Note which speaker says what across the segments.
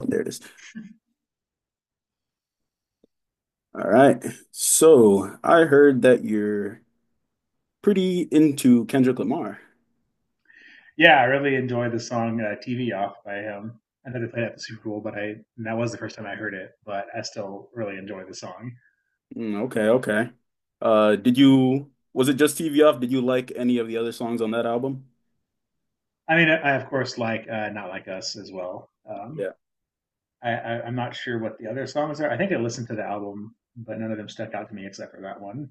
Speaker 1: Oh, there it is. All right. So I heard that you're pretty into Kendrick Lamar.
Speaker 2: Yeah, I really enjoy the song "TV Off" by him. I know they played it at the Super Bowl, but I and that was the first time I heard it. But I still really enjoy the song.
Speaker 1: Mm, okay, okay. Was it just TV Off? Did you like any of the other songs on that album?
Speaker 2: I mean, I of course like "Not Like Us" as well.
Speaker 1: Yeah.
Speaker 2: I'm not sure what the other songs are. I think I listened to the album, but none of them stuck out to me except for that one.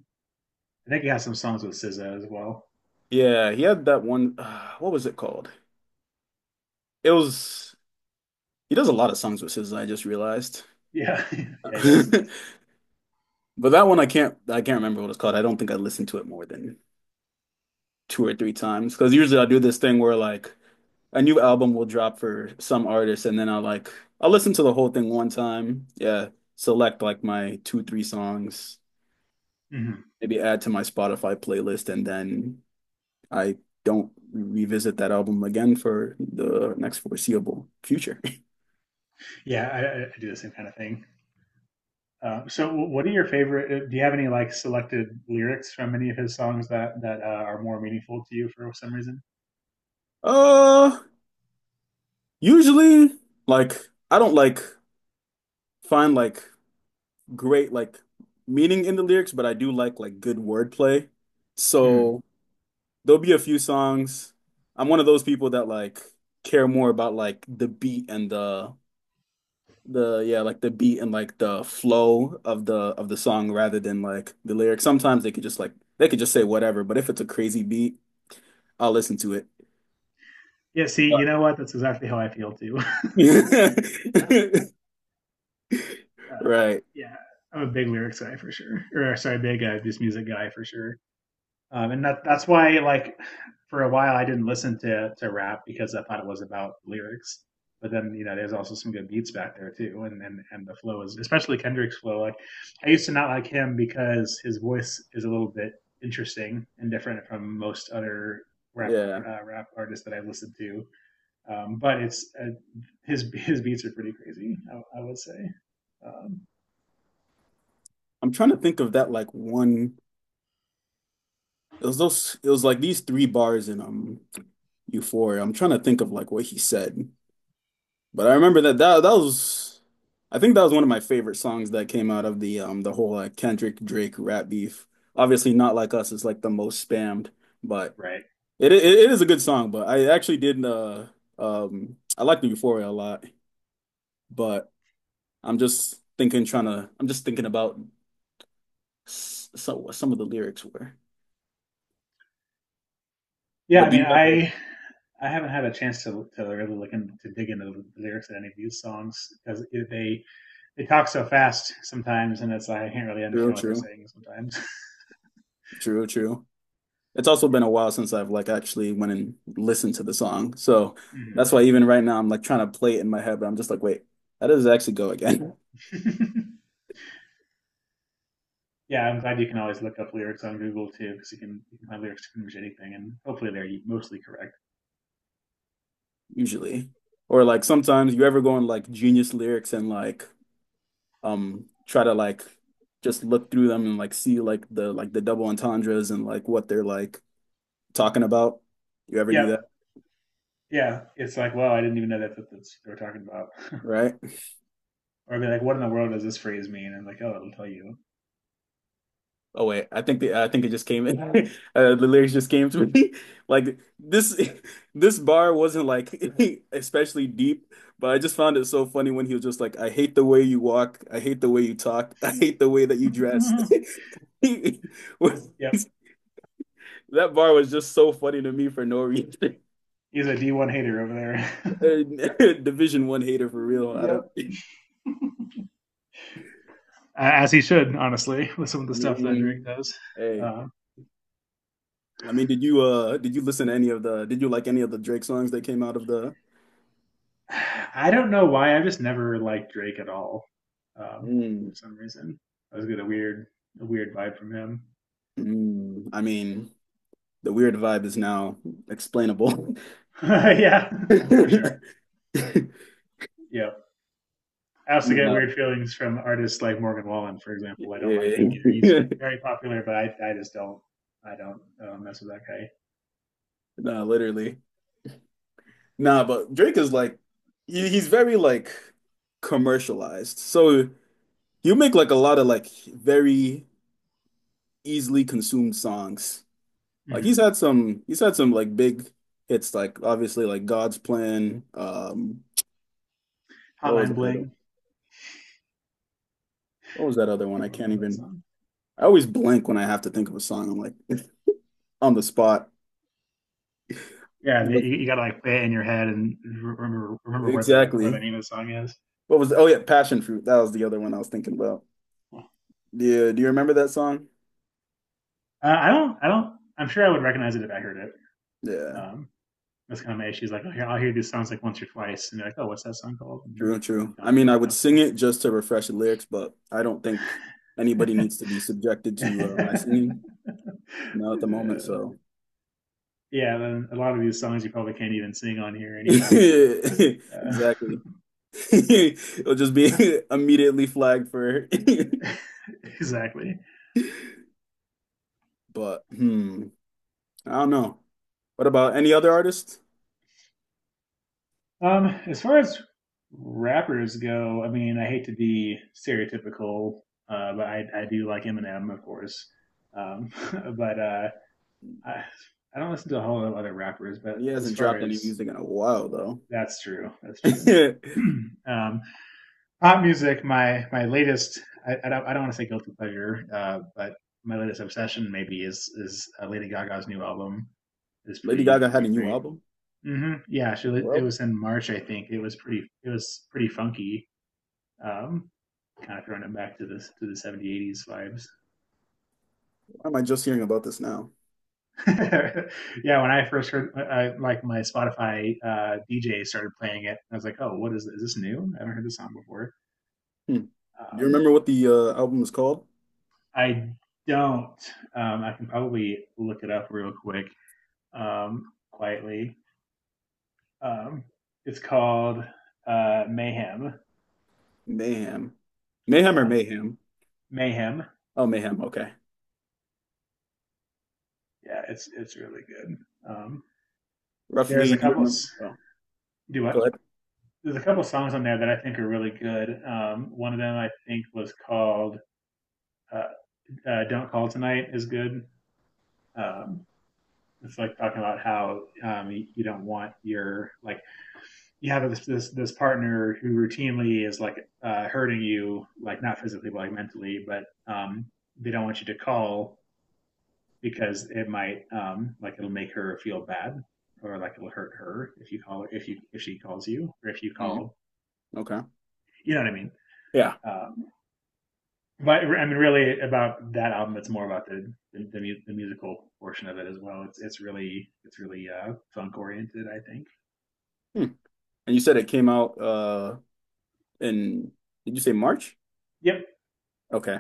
Speaker 2: I think he has some songs with SZA as well.
Speaker 1: Yeah, he had that one. What was it called? It was, he does a lot of songs with SZA, I just realized.
Speaker 2: Yeah, yeah, he does.
Speaker 1: But that one I can't remember what it's called. I don't think I listened to it more than 2 or 3 times because usually I do this thing where like a new album will drop for some artist and then I'll listen to the whole thing one time. Yeah, select like my two, three songs,
Speaker 2: hmm
Speaker 1: maybe add to my Spotify playlist and then I don't revisit that album again for the next foreseeable future.
Speaker 2: Yeah, I do the same kind of thing. So, what are your favorite? Do you have any like selected lyrics from any of his songs that are more meaningful to you for some reason?
Speaker 1: Uh, usually like I don't like find like great like meaning in the lyrics, but I do like good wordplay.
Speaker 2: Mm.
Speaker 1: So there'll be a few songs. I'm one of those people that like care more about like the beat and the yeah, like the beat and like the flow of the song rather than like the lyrics. Sometimes they could just say whatever, but if it's a crazy beat, I'll listen to it.
Speaker 2: Yeah. See, you know what? That's exactly how I feel too. Uh,
Speaker 1: Right.
Speaker 2: yeah, I'm a big lyrics guy for sure, or sorry, big this music guy for sure. And that's why like for a while I didn't listen to rap because I thought it was about lyrics. But then you know, there's also some good beats back there too, and the flow is especially Kendrick's flow. Like I used to not like him because his voice is a little bit interesting and different from most other
Speaker 1: Yeah.
Speaker 2: rap artists that I've listened to. But it's His beats are pretty crazy. I would say, um,
Speaker 1: I'm trying to think of that like one it was like these three bars in Euphoria. I'm trying to think of like what he said. But I remember that was I think that was one of my favorite songs that came out of the whole like Kendrick Drake rap beef. Obviously Not Like Us is like the most spammed, but
Speaker 2: right?
Speaker 1: it is a good song, but I actually did I liked Euphoria a lot, but I'm just thinking about so what some of the lyrics were.
Speaker 2: Yeah,
Speaker 1: But
Speaker 2: I
Speaker 1: do
Speaker 2: mean,
Speaker 1: you have a
Speaker 2: I haven't had a chance to really look in, to dig into the lyrics of any of these songs because they talk so fast sometimes, and it's like I can't really
Speaker 1: true,
Speaker 2: understand what they're
Speaker 1: true,
Speaker 2: saying sometimes.
Speaker 1: true, true. It's also been a while since I've like actually went and listened to the song. So
Speaker 2: Mhm.
Speaker 1: that's why even right now I'm like trying to play it in my head, but I'm just like, wait, how does it actually go again?
Speaker 2: Yeah, I'm glad you can always look up lyrics on Google too, because you can find lyrics to pretty much anything, and hopefully they're mostly correct.
Speaker 1: Usually. Or like sometimes you ever go on like Genius lyrics and like try to like just look through them and like see like the double entendres and like what they're like talking about. You ever do
Speaker 2: Yep.
Speaker 1: that,
Speaker 2: Yeah, it's like, well, I didn't even know that's what they were talking about.
Speaker 1: right?
Speaker 2: Or I'd be like, what in the world does this phrase mean? And like, oh, it'll tell you.
Speaker 1: Oh wait, I think it just came in. The lyrics just came to me. Like this this bar wasn't like especially deep, but I just found it so funny when he was just like, "I hate the way you walk. I hate the way you talk. I hate the way that you dress."
Speaker 2: Yep,
Speaker 1: That bar was just so funny to me for no reason.
Speaker 2: he's a D1 hater over there.
Speaker 1: And Division 1 hater for real. I don't.
Speaker 2: Yep.
Speaker 1: I
Speaker 2: As he should, honestly, with some of the stuff that Drake
Speaker 1: mean,
Speaker 2: does.
Speaker 1: hey,
Speaker 2: Uh,
Speaker 1: I mean, did you listen to any of the did you like any of the Drake songs that came out of the?
Speaker 2: I don't know why. I just never liked Drake at all, uh,
Speaker 1: Mm.
Speaker 2: for some reason. I was get a weird vibe from him.
Speaker 1: Mm, I mean, the weird vibe is now explainable.
Speaker 2: Yeah, for sure. Yeah. I also get weird
Speaker 1: No,
Speaker 2: feelings from artists like Morgan Wallen, for example. I don't like him either. He's
Speaker 1: yeah.
Speaker 2: very popular, but I just don't, I don't mess with that guy.
Speaker 1: No, literally. Nah, but Drake is like he's very like commercialized. So you make like a lot of like very easily consumed songs. Like
Speaker 2: Mm-hmm.
Speaker 1: he's had some like big hits like obviously like God's Plan. What was
Speaker 2: Hotline
Speaker 1: that other
Speaker 2: Bling.
Speaker 1: What was that other one? I
Speaker 2: Everyone
Speaker 1: can't
Speaker 2: loves that
Speaker 1: even
Speaker 2: song.
Speaker 1: I always blank when I have to think of a song. I'm like on the spot.
Speaker 2: Yeah, you gotta like play it in your head and remember where the
Speaker 1: Exactly.
Speaker 2: name of the song is.
Speaker 1: What was, oh yeah, passion fruit. That was the other one I was thinking about. Yeah, do you remember that song?
Speaker 2: I don't. I don't. I'm sure I would recognize it if I heard it.
Speaker 1: Yeah,
Speaker 2: Um, that's kind of my issue. Is like, oh, here, I'll hear these songs like once or twice, and be like, oh, what's that song called? And,
Speaker 1: true, true.
Speaker 2: and
Speaker 1: I
Speaker 2: don't
Speaker 1: mean,
Speaker 2: look
Speaker 1: I
Speaker 2: it
Speaker 1: would
Speaker 2: up.
Speaker 1: sing it just to refresh the lyrics, but I don't think anybody needs to be
Speaker 2: Uh,
Speaker 1: subjected to my singing now at the moment, so
Speaker 2: yeah, then a lot of these songs you probably can't even sing on here anyway. Uh,
Speaker 1: exactly. It'll just be immediately flagged for
Speaker 2: exactly.
Speaker 1: but I don't know. What about any other artist?
Speaker 2: As far as rappers go, I mean, I hate to be stereotypical, but I do like Eminem, of course. Um, but I, I don't listen to a whole lot of other rappers, but
Speaker 1: He
Speaker 2: as
Speaker 1: hasn't
Speaker 2: far
Speaker 1: dropped any
Speaker 2: as
Speaker 1: music in a while though.
Speaker 2: that's true, that's true. um, Pop music, my latest, I don't want to say guilty pleasure, but my latest obsession maybe is Lady Gaga's new album is
Speaker 1: Lady Gaga had a
Speaker 2: pretty
Speaker 1: new
Speaker 2: great.
Speaker 1: album
Speaker 2: Yeah, she
Speaker 1: for the
Speaker 2: it
Speaker 1: world.
Speaker 2: was in March, I think. It was pretty funky. Um, Kind of throwing it back to this to the 70s, 80s vibes.
Speaker 1: Why am I just hearing about this now?
Speaker 2: Yeah, when I first heard, like my Spotify DJ started playing it, I was like, "Oh, what is this? Is this new? I haven't heard this song before."
Speaker 1: Hmm. Do you
Speaker 2: Um,
Speaker 1: remember what the album was called?
Speaker 2: I don't. I can probably look it up real quick, um, quietly. Um, it's called Mayhem.
Speaker 1: Mayhem. Mayhem or
Speaker 2: Yeah,
Speaker 1: Mayhem?
Speaker 2: Mayhem.
Speaker 1: Oh, Mayhem. Okay.
Speaker 2: Yeah, it's really good. Um, there's
Speaker 1: Roughly,
Speaker 2: a
Speaker 1: do you
Speaker 2: couple. Of,
Speaker 1: remember? Oh,
Speaker 2: do
Speaker 1: go
Speaker 2: what?
Speaker 1: ahead.
Speaker 2: There's a couple of songs on there that I think are really good. One of them I think was called uh, "Don't Call Tonight" is good. Um, it's like talking about how you don't want your like you have this partner who routinely is like hurting you, like not physically, but like mentally, but they don't want you to call because it might like it'll make her feel bad or like it'll hurt her if you call her if you if she calls you or if you
Speaker 1: Mhm.
Speaker 2: call.
Speaker 1: Okay.
Speaker 2: You know what I mean?
Speaker 1: Yeah.
Speaker 2: Um, but I mean, really, about that album, it's more about the musical portion of it as well. It's really funk oriented, I think.
Speaker 1: Hmm. And you said it came out in, did you say March?
Speaker 2: Yep,
Speaker 1: Okay.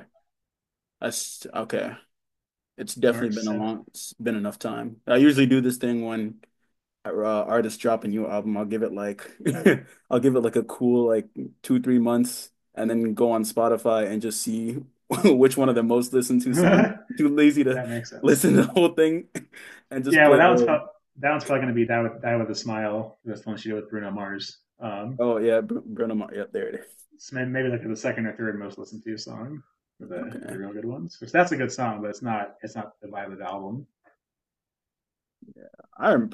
Speaker 1: That's okay. It's definitely
Speaker 2: March seventh.
Speaker 1: it's been enough time. I usually do this thing when uh, artist drop a new album, I'll give it like I'll give it like a cool like two, three months and then go on Spotify and just see which one of the most listened to songs.
Speaker 2: That
Speaker 1: Too lazy to
Speaker 2: makes sense.
Speaker 1: listen to the whole thing and just
Speaker 2: Yeah, well,
Speaker 1: play it all.
Speaker 2: that one's probably going to be die with a smile. That's the one she did with Bruno Mars. Um,
Speaker 1: Oh yeah, Br Bruno Mars. Yep, there it is.
Speaker 2: so may- maybe like the second or third most listened to song for the
Speaker 1: Okay.
Speaker 2: real good ones. Which that's a good song, but it's not the vibe of the album.
Speaker 1: I rem-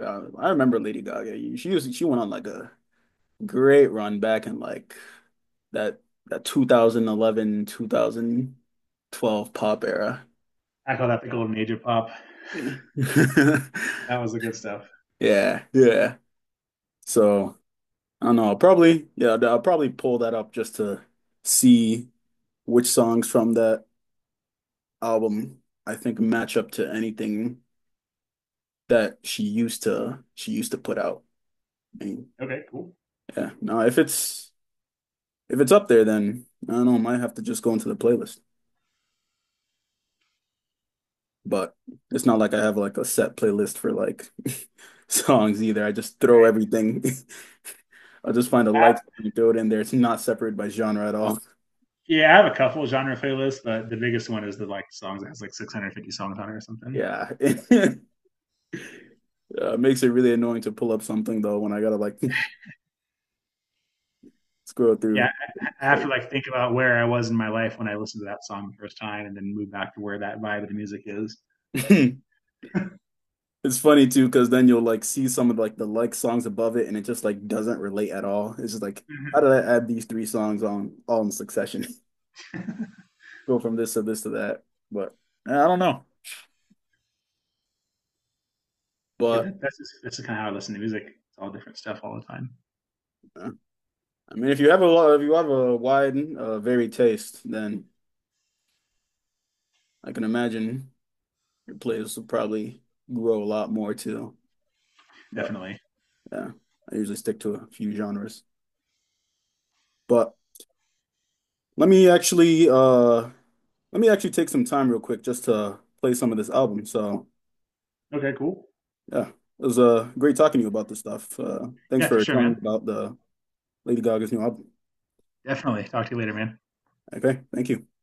Speaker 1: I remember Lady Gaga. She went on like a great run back in like that that 2011 2012 pop
Speaker 2: I call that the golden age of pop.
Speaker 1: era. Yeah.
Speaker 2: That was the good stuff.
Speaker 1: Yeah, yeah. So I don't know. I'll probably yeah, I'll probably pull that up just to see which songs from that album I think match up to anything that she used to put out. I mean,
Speaker 2: Okay, cool.
Speaker 1: yeah. No, if it's up there, then I don't know. I might have to just go into the playlist. But it's not like I have like a set playlist for like songs either. I just throw everything. I'll just find a like and throw it in there. It's not separated by genre at all.
Speaker 2: Yeah, I have a couple of genre playlists, but the biggest one is the like songs that has like 650 songs on it or something.
Speaker 1: Yeah. Makes it really annoying to pull up something though when I gotta like scroll
Speaker 2: Yeah,
Speaker 1: through.
Speaker 2: I
Speaker 1: It's
Speaker 2: have to
Speaker 1: like-
Speaker 2: like think about where I was in my life when I listened to that song the first time, and then move back to where that vibe of the music is.
Speaker 1: it's funny too because then you'll like see some of like the like songs above it and it just like doesn't relate at all. It's just like how
Speaker 2: Mhm.
Speaker 1: did I add these three songs on all in succession? Go from this to this to that, but I don't know.
Speaker 2: Yeah,
Speaker 1: But
Speaker 2: that's just, that's kind of how I listen to music. It's all different stuff all the time.
Speaker 1: uh, I mean, if you have a wide, varied taste, then I can imagine your playlist will probably grow a lot more too. But
Speaker 2: Definitely.
Speaker 1: yeah, I usually stick to a few genres, but. Let me actually uh let me actually take some time real quick just to play some of this album. So
Speaker 2: Okay, cool.
Speaker 1: yeah, it was great talking to you about this stuff. Thanks
Speaker 2: Yeah, for
Speaker 1: for
Speaker 2: sure,
Speaker 1: telling me
Speaker 2: man.
Speaker 1: about the Lady Gaga's new album.
Speaker 2: Definitely. Talk to you later, man.
Speaker 1: Okay, thank you.